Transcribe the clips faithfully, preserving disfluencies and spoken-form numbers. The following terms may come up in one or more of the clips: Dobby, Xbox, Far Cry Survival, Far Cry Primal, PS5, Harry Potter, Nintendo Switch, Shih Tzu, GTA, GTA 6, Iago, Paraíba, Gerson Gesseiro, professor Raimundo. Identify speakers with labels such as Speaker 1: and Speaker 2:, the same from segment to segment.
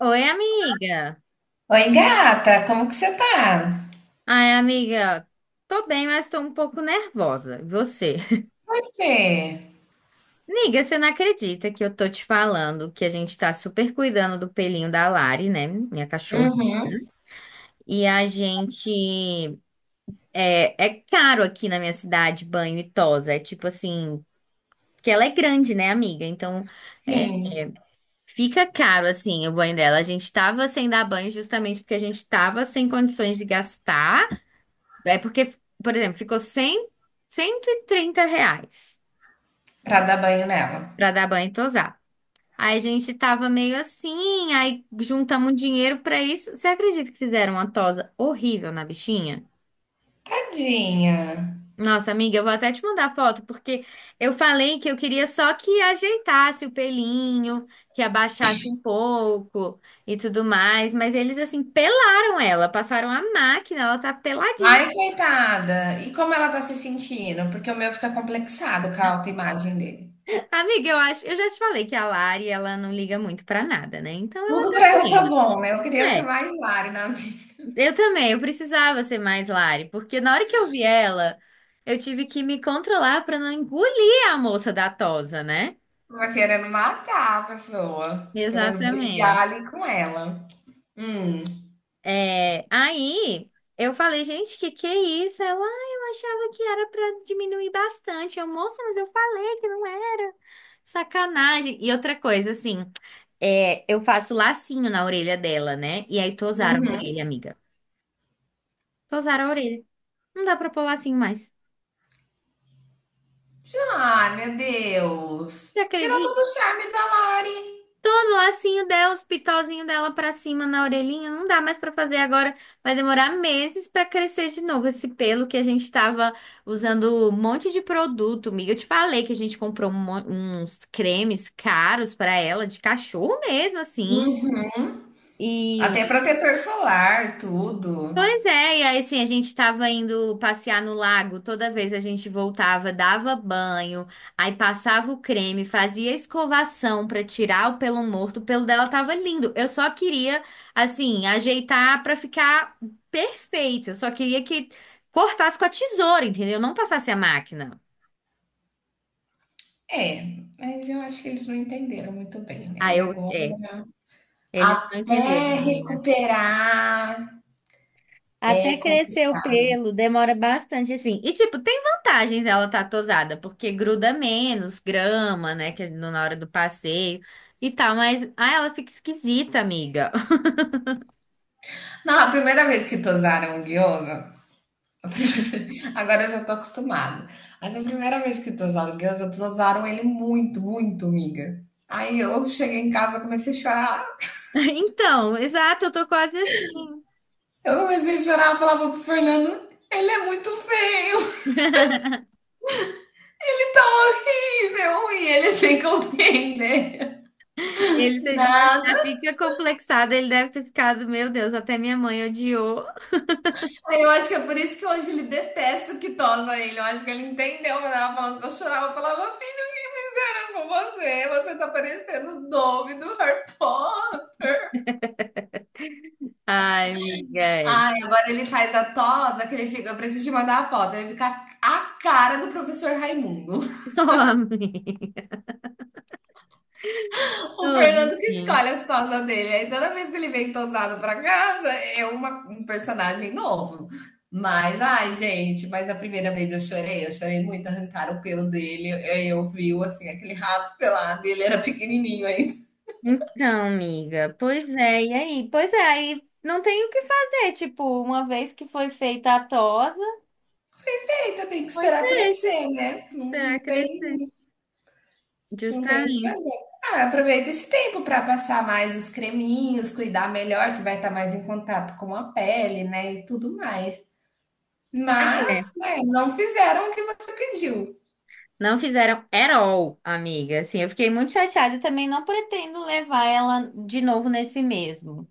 Speaker 1: Oi, amiga.
Speaker 2: Oi, gata, como que você tá?
Speaker 1: Ai, amiga, tô bem, mas tô um pouco nervosa. E você?
Speaker 2: Você?
Speaker 1: Amiga, você não acredita que eu tô te falando que a gente tá super cuidando do pelinho da Lari, né? Minha cachorra.
Speaker 2: Uhum.
Speaker 1: E a gente. É, é caro aqui na minha cidade banho e tosa. É tipo assim. Porque ela é grande, né, amiga? Então, é,
Speaker 2: Sim,
Speaker 1: fica caro, assim, o banho dela. A gente tava sem dar banho justamente porque a gente tava sem condições de gastar. É porque, por exemplo, ficou cem, cento e trinta reais
Speaker 2: pra dar banho nela.
Speaker 1: pra dar banho e tosar. Aí a gente tava meio assim, aí juntamos dinheiro pra isso. Você acredita que fizeram uma tosa horrível na bichinha?
Speaker 2: Tadinha.
Speaker 1: Nossa, amiga, eu vou até te mandar foto, porque eu falei que eu queria só que ajeitasse o pelinho, que abaixasse um pouco e tudo mais, mas eles assim pelaram ela, passaram a máquina, ela tá peladinha.
Speaker 2: Ai, coitada. E como ela tá se sentindo? Porque o meu fica complexado com a autoimagem dele.
Speaker 1: Amiga, eu acho, eu já te falei que a Lari, ela não liga muito pra nada, né? Então ela
Speaker 2: Tudo
Speaker 1: tá
Speaker 2: pra ela tá
Speaker 1: fluindo.
Speaker 2: bom, né? Eu queria ser
Speaker 1: É,
Speaker 2: mais Lari na vida.
Speaker 1: eu também, eu precisava ser mais Lari, porque na hora que eu vi ela, eu tive que me controlar pra não engolir a moça da tosa, né?
Speaker 2: Tava querendo matar a pessoa. Querendo brigar
Speaker 1: Exatamente.
Speaker 2: ali com ela. Hum.
Speaker 1: É, aí eu falei, gente, que que é isso? Ela, "Ah, eu achava que era pra diminuir bastante. Eu, moça, mas eu falei que não era. Sacanagem. E outra coisa, assim. É, eu faço lacinho na orelha dela, né? E aí tosaram a
Speaker 2: Uhum.
Speaker 1: orelha, amiga. Tosaram a orelha. Não dá pra pôr lacinho mais.
Speaker 2: Ai, meu Deus.
Speaker 1: Já
Speaker 2: Tirou todo
Speaker 1: acredito.
Speaker 2: o charme da Lari.
Speaker 1: Tô lacinho dela, os pitozinhos dela pra cima na orelhinha. Não dá mais pra fazer agora. Vai demorar meses pra crescer de novo esse pelo que a gente tava usando um monte de produto, amiga. Eu te falei que a gente comprou um mon- uns cremes caros pra ela, de cachorro mesmo, assim.
Speaker 2: Uhum. Até protetor solar, tudo.
Speaker 1: Pois é, e aí assim, a gente tava indo passear no lago, toda vez a gente voltava, dava banho, aí passava o creme, fazia escovação pra tirar o pelo morto, o pelo dela tava lindo. Eu só queria, assim, ajeitar pra ficar perfeito. Eu só queria que cortasse com a tesoura, entendeu? Não passasse a máquina.
Speaker 2: É, mas eu acho que eles não entenderam muito bem, né?
Speaker 1: Aí
Speaker 2: E
Speaker 1: eu, é,
Speaker 2: agora,
Speaker 1: Eles não
Speaker 2: até
Speaker 1: entenderam, amiga.
Speaker 2: recuperar é
Speaker 1: Até crescer o
Speaker 2: complicado.
Speaker 1: pelo, demora bastante assim. E tipo, tem vantagens ela tá tosada, porque gruda menos grama, né, que é no- na hora do passeio e tal, mas ah, ela fica esquisita, amiga.
Speaker 2: Não, a primeira vez que tosaram o gyoza, a primeira- agora eu já tô acostumada. Mas a primeira vez que tosaram o gyoza, tosaram ele muito, muito, miga. Aí eu cheguei em casa, comecei a chorar.
Speaker 1: Então, exato, eu tô quase assim.
Speaker 2: Eu comecei a chorar, eu falava pro Fernando, ele é muito feio. Ele tá horrível e ele é sem compreender
Speaker 1: Ele, você disse que ele
Speaker 2: nada.
Speaker 1: já fica complexado, ele deve ter ficado, meu Deus, até minha mãe odiou.
Speaker 2: Eu acho que é por isso que hoje ele detesta que tosa ele. Eu acho que ele entendeu quando ela falando que eu chorava. Eu falava, filho, que fizeram com você? Você tá parecendo o Dobby do Harry Potter.
Speaker 1: Ai, amiga, é.
Speaker 2: Ai, agora ele faz a tosa que ele fica. Eu preciso te mandar a foto. Ele fica a cara do professor Raimundo.
Speaker 1: Ô, amiga.
Speaker 2: O
Speaker 1: Ô,
Speaker 2: Fernando que
Speaker 1: bichinho.
Speaker 2: escolhe as tosas dele. Aí toda vez que ele vem tosado pra casa, é uma- um personagem novo. Mas, ai, gente, mas a primeira vez eu chorei, eu chorei muito, arrancaram o pelo dele, aí eu vi, assim, aquele rato pelado, ele era pequenininho ainda.
Speaker 1: Então, amiga, pois é, e aí? Pois é, aí não tem o que fazer, tipo, uma vez que foi feita a tosa,
Speaker 2: Eita, tem que
Speaker 1: foi
Speaker 2: esperar
Speaker 1: feita,
Speaker 2: crescer, né? Não, não
Speaker 1: esperar crescer.
Speaker 2: tem, não tem o que
Speaker 1: Justamente.
Speaker 2: fazer. Ah, aproveita esse tempo para passar mais os creminhos, cuidar melhor, que vai estar mais em contato com a pele, né, e tudo mais.
Speaker 1: Pois é,
Speaker 2: Mas, né, não fizeram o que você pediu.
Speaker 1: não fizeram at all, amiga, assim, eu fiquei muito chateada e também não pretendo levar ela de novo nesse mesmo,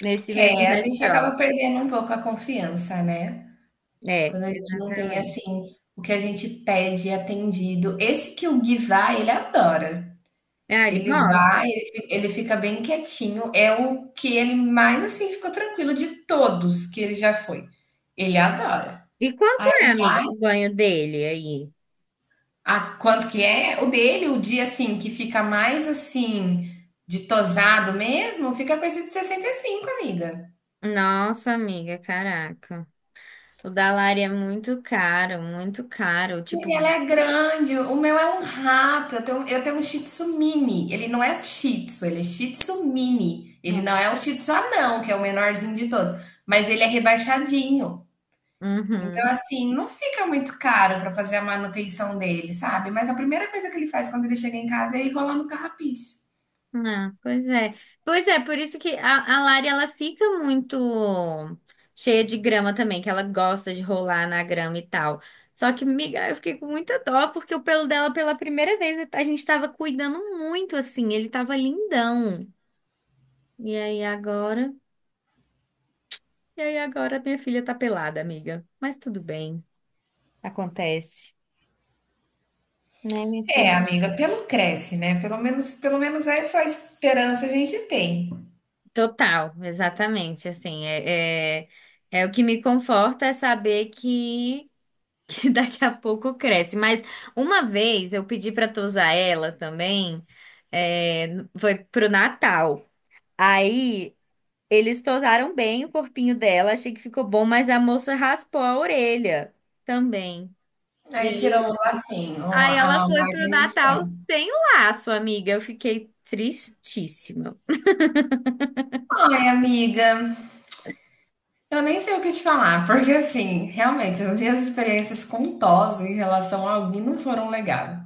Speaker 1: nesse mesmo
Speaker 2: É, a
Speaker 1: pet
Speaker 2: gente
Speaker 1: shop.
Speaker 2: acaba perdendo um pouco a confiança, né?
Speaker 1: É,
Speaker 2: Quando a gente não tem,
Speaker 1: exatamente.
Speaker 2: assim, o que a gente pede atendido. Esse que o Gui vai, ele adora.
Speaker 1: Ah, ele
Speaker 2: Ele
Speaker 1: gosta.
Speaker 2: vai, ele fi ele fica bem quietinho. É o que ele mais, assim, ficou tranquilo de todos que ele já foi. Ele adora.
Speaker 1: E quanto é,
Speaker 2: Aí
Speaker 1: amiga,
Speaker 2: vai
Speaker 1: o banho dele aí?
Speaker 2: a quanto que é? O dele, o dia, assim, que fica mais, assim, de tosado mesmo, fica com esse de sessenta e cinco, amiga.
Speaker 1: Nossa, amiga, caraca. O da é muito caro, muito caro. Tipo,
Speaker 2: Sim, ela é grande. O meu é um rato. Eu tenho, eu tenho um Shih Tzu mini. Ele não é Shih Tzu, ele é Shih Tzu mini. Ele não
Speaker 1: Bom.
Speaker 2: é um Shih Tzu anão, que é o menorzinho de todos. Mas ele é rebaixadinho. Então,
Speaker 1: Uhum.
Speaker 2: assim, não fica muito caro para fazer a manutenção dele, sabe? Mas a primeira coisa que ele faz quando ele chega em casa é enrolar no carrapicho.
Speaker 1: Ah, pois é. Pois é, por isso que a, a Lari ela fica muito cheia de grama também, que ela gosta de rolar na grama e tal. Só que, miga, eu fiquei com muita dó, porque o pelo dela, pela primeira vez, a gente tava cuidando muito, assim, ele tava lindão. E aí agora? E aí agora minha filha tá pelada, amiga. Mas tudo bem, acontece, né, minha
Speaker 2: É,
Speaker 1: filha?
Speaker 2: amiga, pelo cresce, né? Pelo menos, pelo menos essa esperança a gente tem.
Speaker 1: Total, exatamente, assim, é, é, é o que me conforta é saber que, que daqui a pouco cresce, mas uma vez eu pedi para tosar ela também, é, foi pro Natal, aí eles tosaram bem o corpinho dela, achei que ficou bom, mas a moça raspou a orelha também, e
Speaker 2: Aí
Speaker 1: aí,
Speaker 2: tirou assim, o-
Speaker 1: aí ela
Speaker 2: a
Speaker 1: foi
Speaker 2: marca
Speaker 1: pro Natal
Speaker 2: registrada.
Speaker 1: sem laço, amiga, eu fiquei tristíssima.
Speaker 2: Ai, amiga, eu nem sei o que te falar, porque assim, realmente, as minhas experiências com Tose em relação a alguém não foram legais.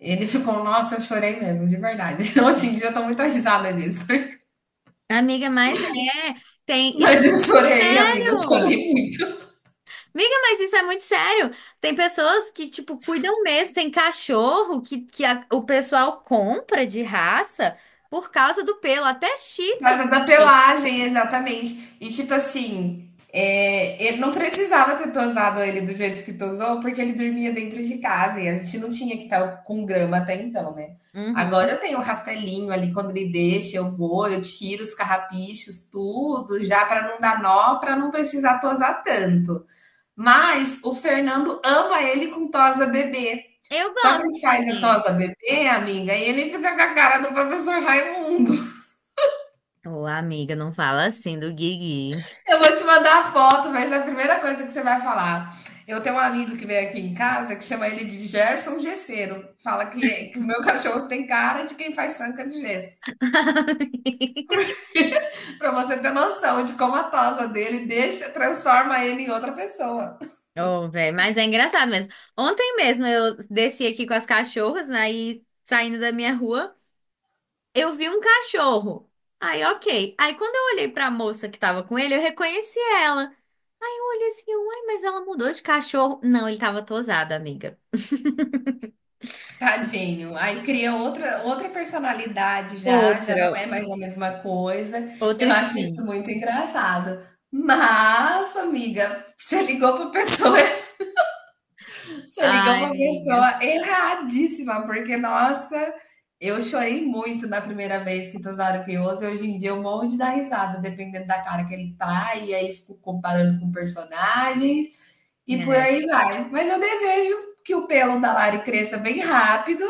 Speaker 2: Ele ficou, nossa, eu chorei mesmo, de verdade. Hoje em dia eu tô muito risada disso.
Speaker 1: Amiga, mas é, tem, isso é
Speaker 2: Mas eu
Speaker 1: muito
Speaker 2: chorei, amiga, eu
Speaker 1: sério.
Speaker 2: chorei muito.
Speaker 1: Amiga, mas isso é muito sério. Tem pessoas que, tipo, cuidam mesmo, tem cachorro que, que a- o pessoal compra de raça por causa do pelo, até shih tzu.
Speaker 2: Causa da pelagem, exatamente. E tipo assim, é, ele não precisava ter tosado ele do jeito que tosou, porque ele dormia dentro de casa e a gente não tinha que estar com grama até então, né? Agora
Speaker 1: Uhum.
Speaker 2: eu tenho um rastelinho ali, quando ele deixa, eu vou, eu tiro os carrapichos, tudo, já para não dar nó, para não precisar tosar tanto. Mas o Fernando ama ele com tosa bebê.
Speaker 1: Eu
Speaker 2: Só que
Speaker 1: gosto
Speaker 2: ele faz a
Speaker 1: também.
Speaker 2: tosa bebê, amiga, e ele fica com a cara do professor Raimundo.
Speaker 1: Ô, amiga, não fala assim do Guigui.
Speaker 2: Eu vou te mandar a foto, mas é a primeira coisa que você vai falar. Eu tenho um amigo que vem aqui em casa que chama ele de Gerson Gesseiro. Fala que, que o meu cachorro tem cara de quem faz sanca de gesso. Pra você ter noção de como a tosa dele deixa, transforma ele em outra pessoa.
Speaker 1: Ô, velho, mas é engraçado mesmo. Ontem mesmo eu desci aqui com as cachorras, né, e saindo da minha rua. Eu vi um cachorro. Aí, ok. Aí, quando eu olhei pra moça que tava com ele, eu reconheci ela. Aí, eu olhei assim, uai, mas ela mudou de cachorro. Não, ele tava tosado, amiga.
Speaker 2: Tadinho. Aí cria outra, outra personalidade já, já não
Speaker 1: Outra.
Speaker 2: é mais a mesma coisa. Eu
Speaker 1: Outra
Speaker 2: acho isso
Speaker 1: skin.
Speaker 2: muito engraçado. Mas, amiga, você ligou para pessoa Você ligou
Speaker 1: Ai,
Speaker 2: pra
Speaker 1: amiga.
Speaker 2: pessoa erradíssima, porque, nossa, eu chorei muito na primeira vez que Tozaro Pioso, e hoje em dia eu morro de dar risada, dependendo da cara que ele tá, e aí fico comparando com personagens, e por
Speaker 1: É.
Speaker 2: aí vai. Mas eu desejo que o pelo da Lari cresça bem rápido,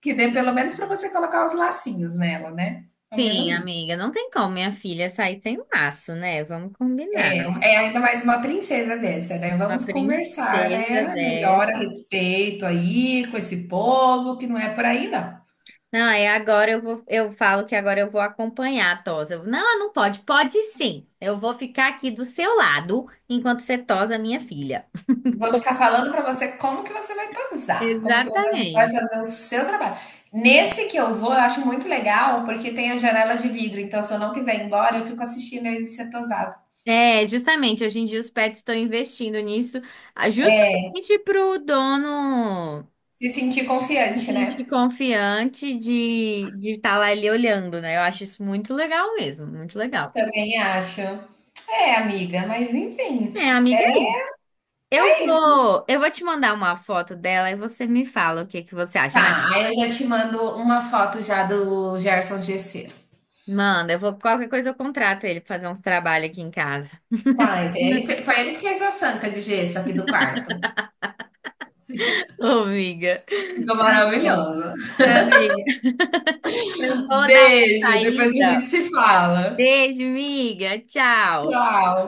Speaker 2: que dê pelo menos pra você colocar os lacinhos nela, né? Pelo
Speaker 1: Sim,
Speaker 2: menos isso.
Speaker 1: amiga. Não tem como minha filha sair sem um laço, né? Vamos combinar.
Speaker 2: É, é ainda mais uma princesa dessa, né?
Speaker 1: Uma
Speaker 2: Vamos conversar,
Speaker 1: princesa
Speaker 2: né?
Speaker 1: dessa.
Speaker 2: Melhor a respeito aí com esse povo, que não é por aí, não.
Speaker 1: Não, aí agora eu vou, eu falo que agora eu vou acompanhar a tosa. Eu, não, não pode. Pode sim. Eu vou ficar aqui do seu lado enquanto você tosa minha filha.
Speaker 2: Vou ficar falando para você como que você vai tosar, como que você vai
Speaker 1: Exatamente.
Speaker 2: fazer o seu trabalho. Nesse que eu vou, eu acho muito legal, porque tem a janela de vidro, então se eu não quiser ir embora, eu fico assistindo ele ser tosado.
Speaker 1: É, justamente, hoje em dia os pets estão investindo nisso, ah,
Speaker 2: É,
Speaker 1: justamente para o dono
Speaker 2: se sentir
Speaker 1: se
Speaker 2: confiante,
Speaker 1: sentir
Speaker 2: né?
Speaker 1: confiante de de estar lá ele olhando, né? Eu acho isso muito legal mesmo, muito legal.
Speaker 2: Também acho. É, amiga, mas enfim,
Speaker 1: É, amiga, é isso. eu
Speaker 2: é isso.
Speaker 1: vou, eu vou te mandar uma foto dela e você me fala o que que você acha, mas
Speaker 2: Tá, aí eu já te mando uma foto já do Gerson Gesseiro.
Speaker 1: manda, eu vou, qualquer coisa eu contrato ele pra fazer uns trabalhos aqui em casa.
Speaker 2: Faz, ele, fe- foi ele que fez a sanca de gesso aqui do quarto.
Speaker 1: Ô, amiga.
Speaker 2: Ficou
Speaker 1: Tá bom.
Speaker 2: maravilhoso.
Speaker 1: Amiga, eu vou dar uma
Speaker 2: Beijo, depois a gente
Speaker 1: saída.
Speaker 2: se fala.
Speaker 1: Beijo, miga. Tchau.
Speaker 2: Tchau.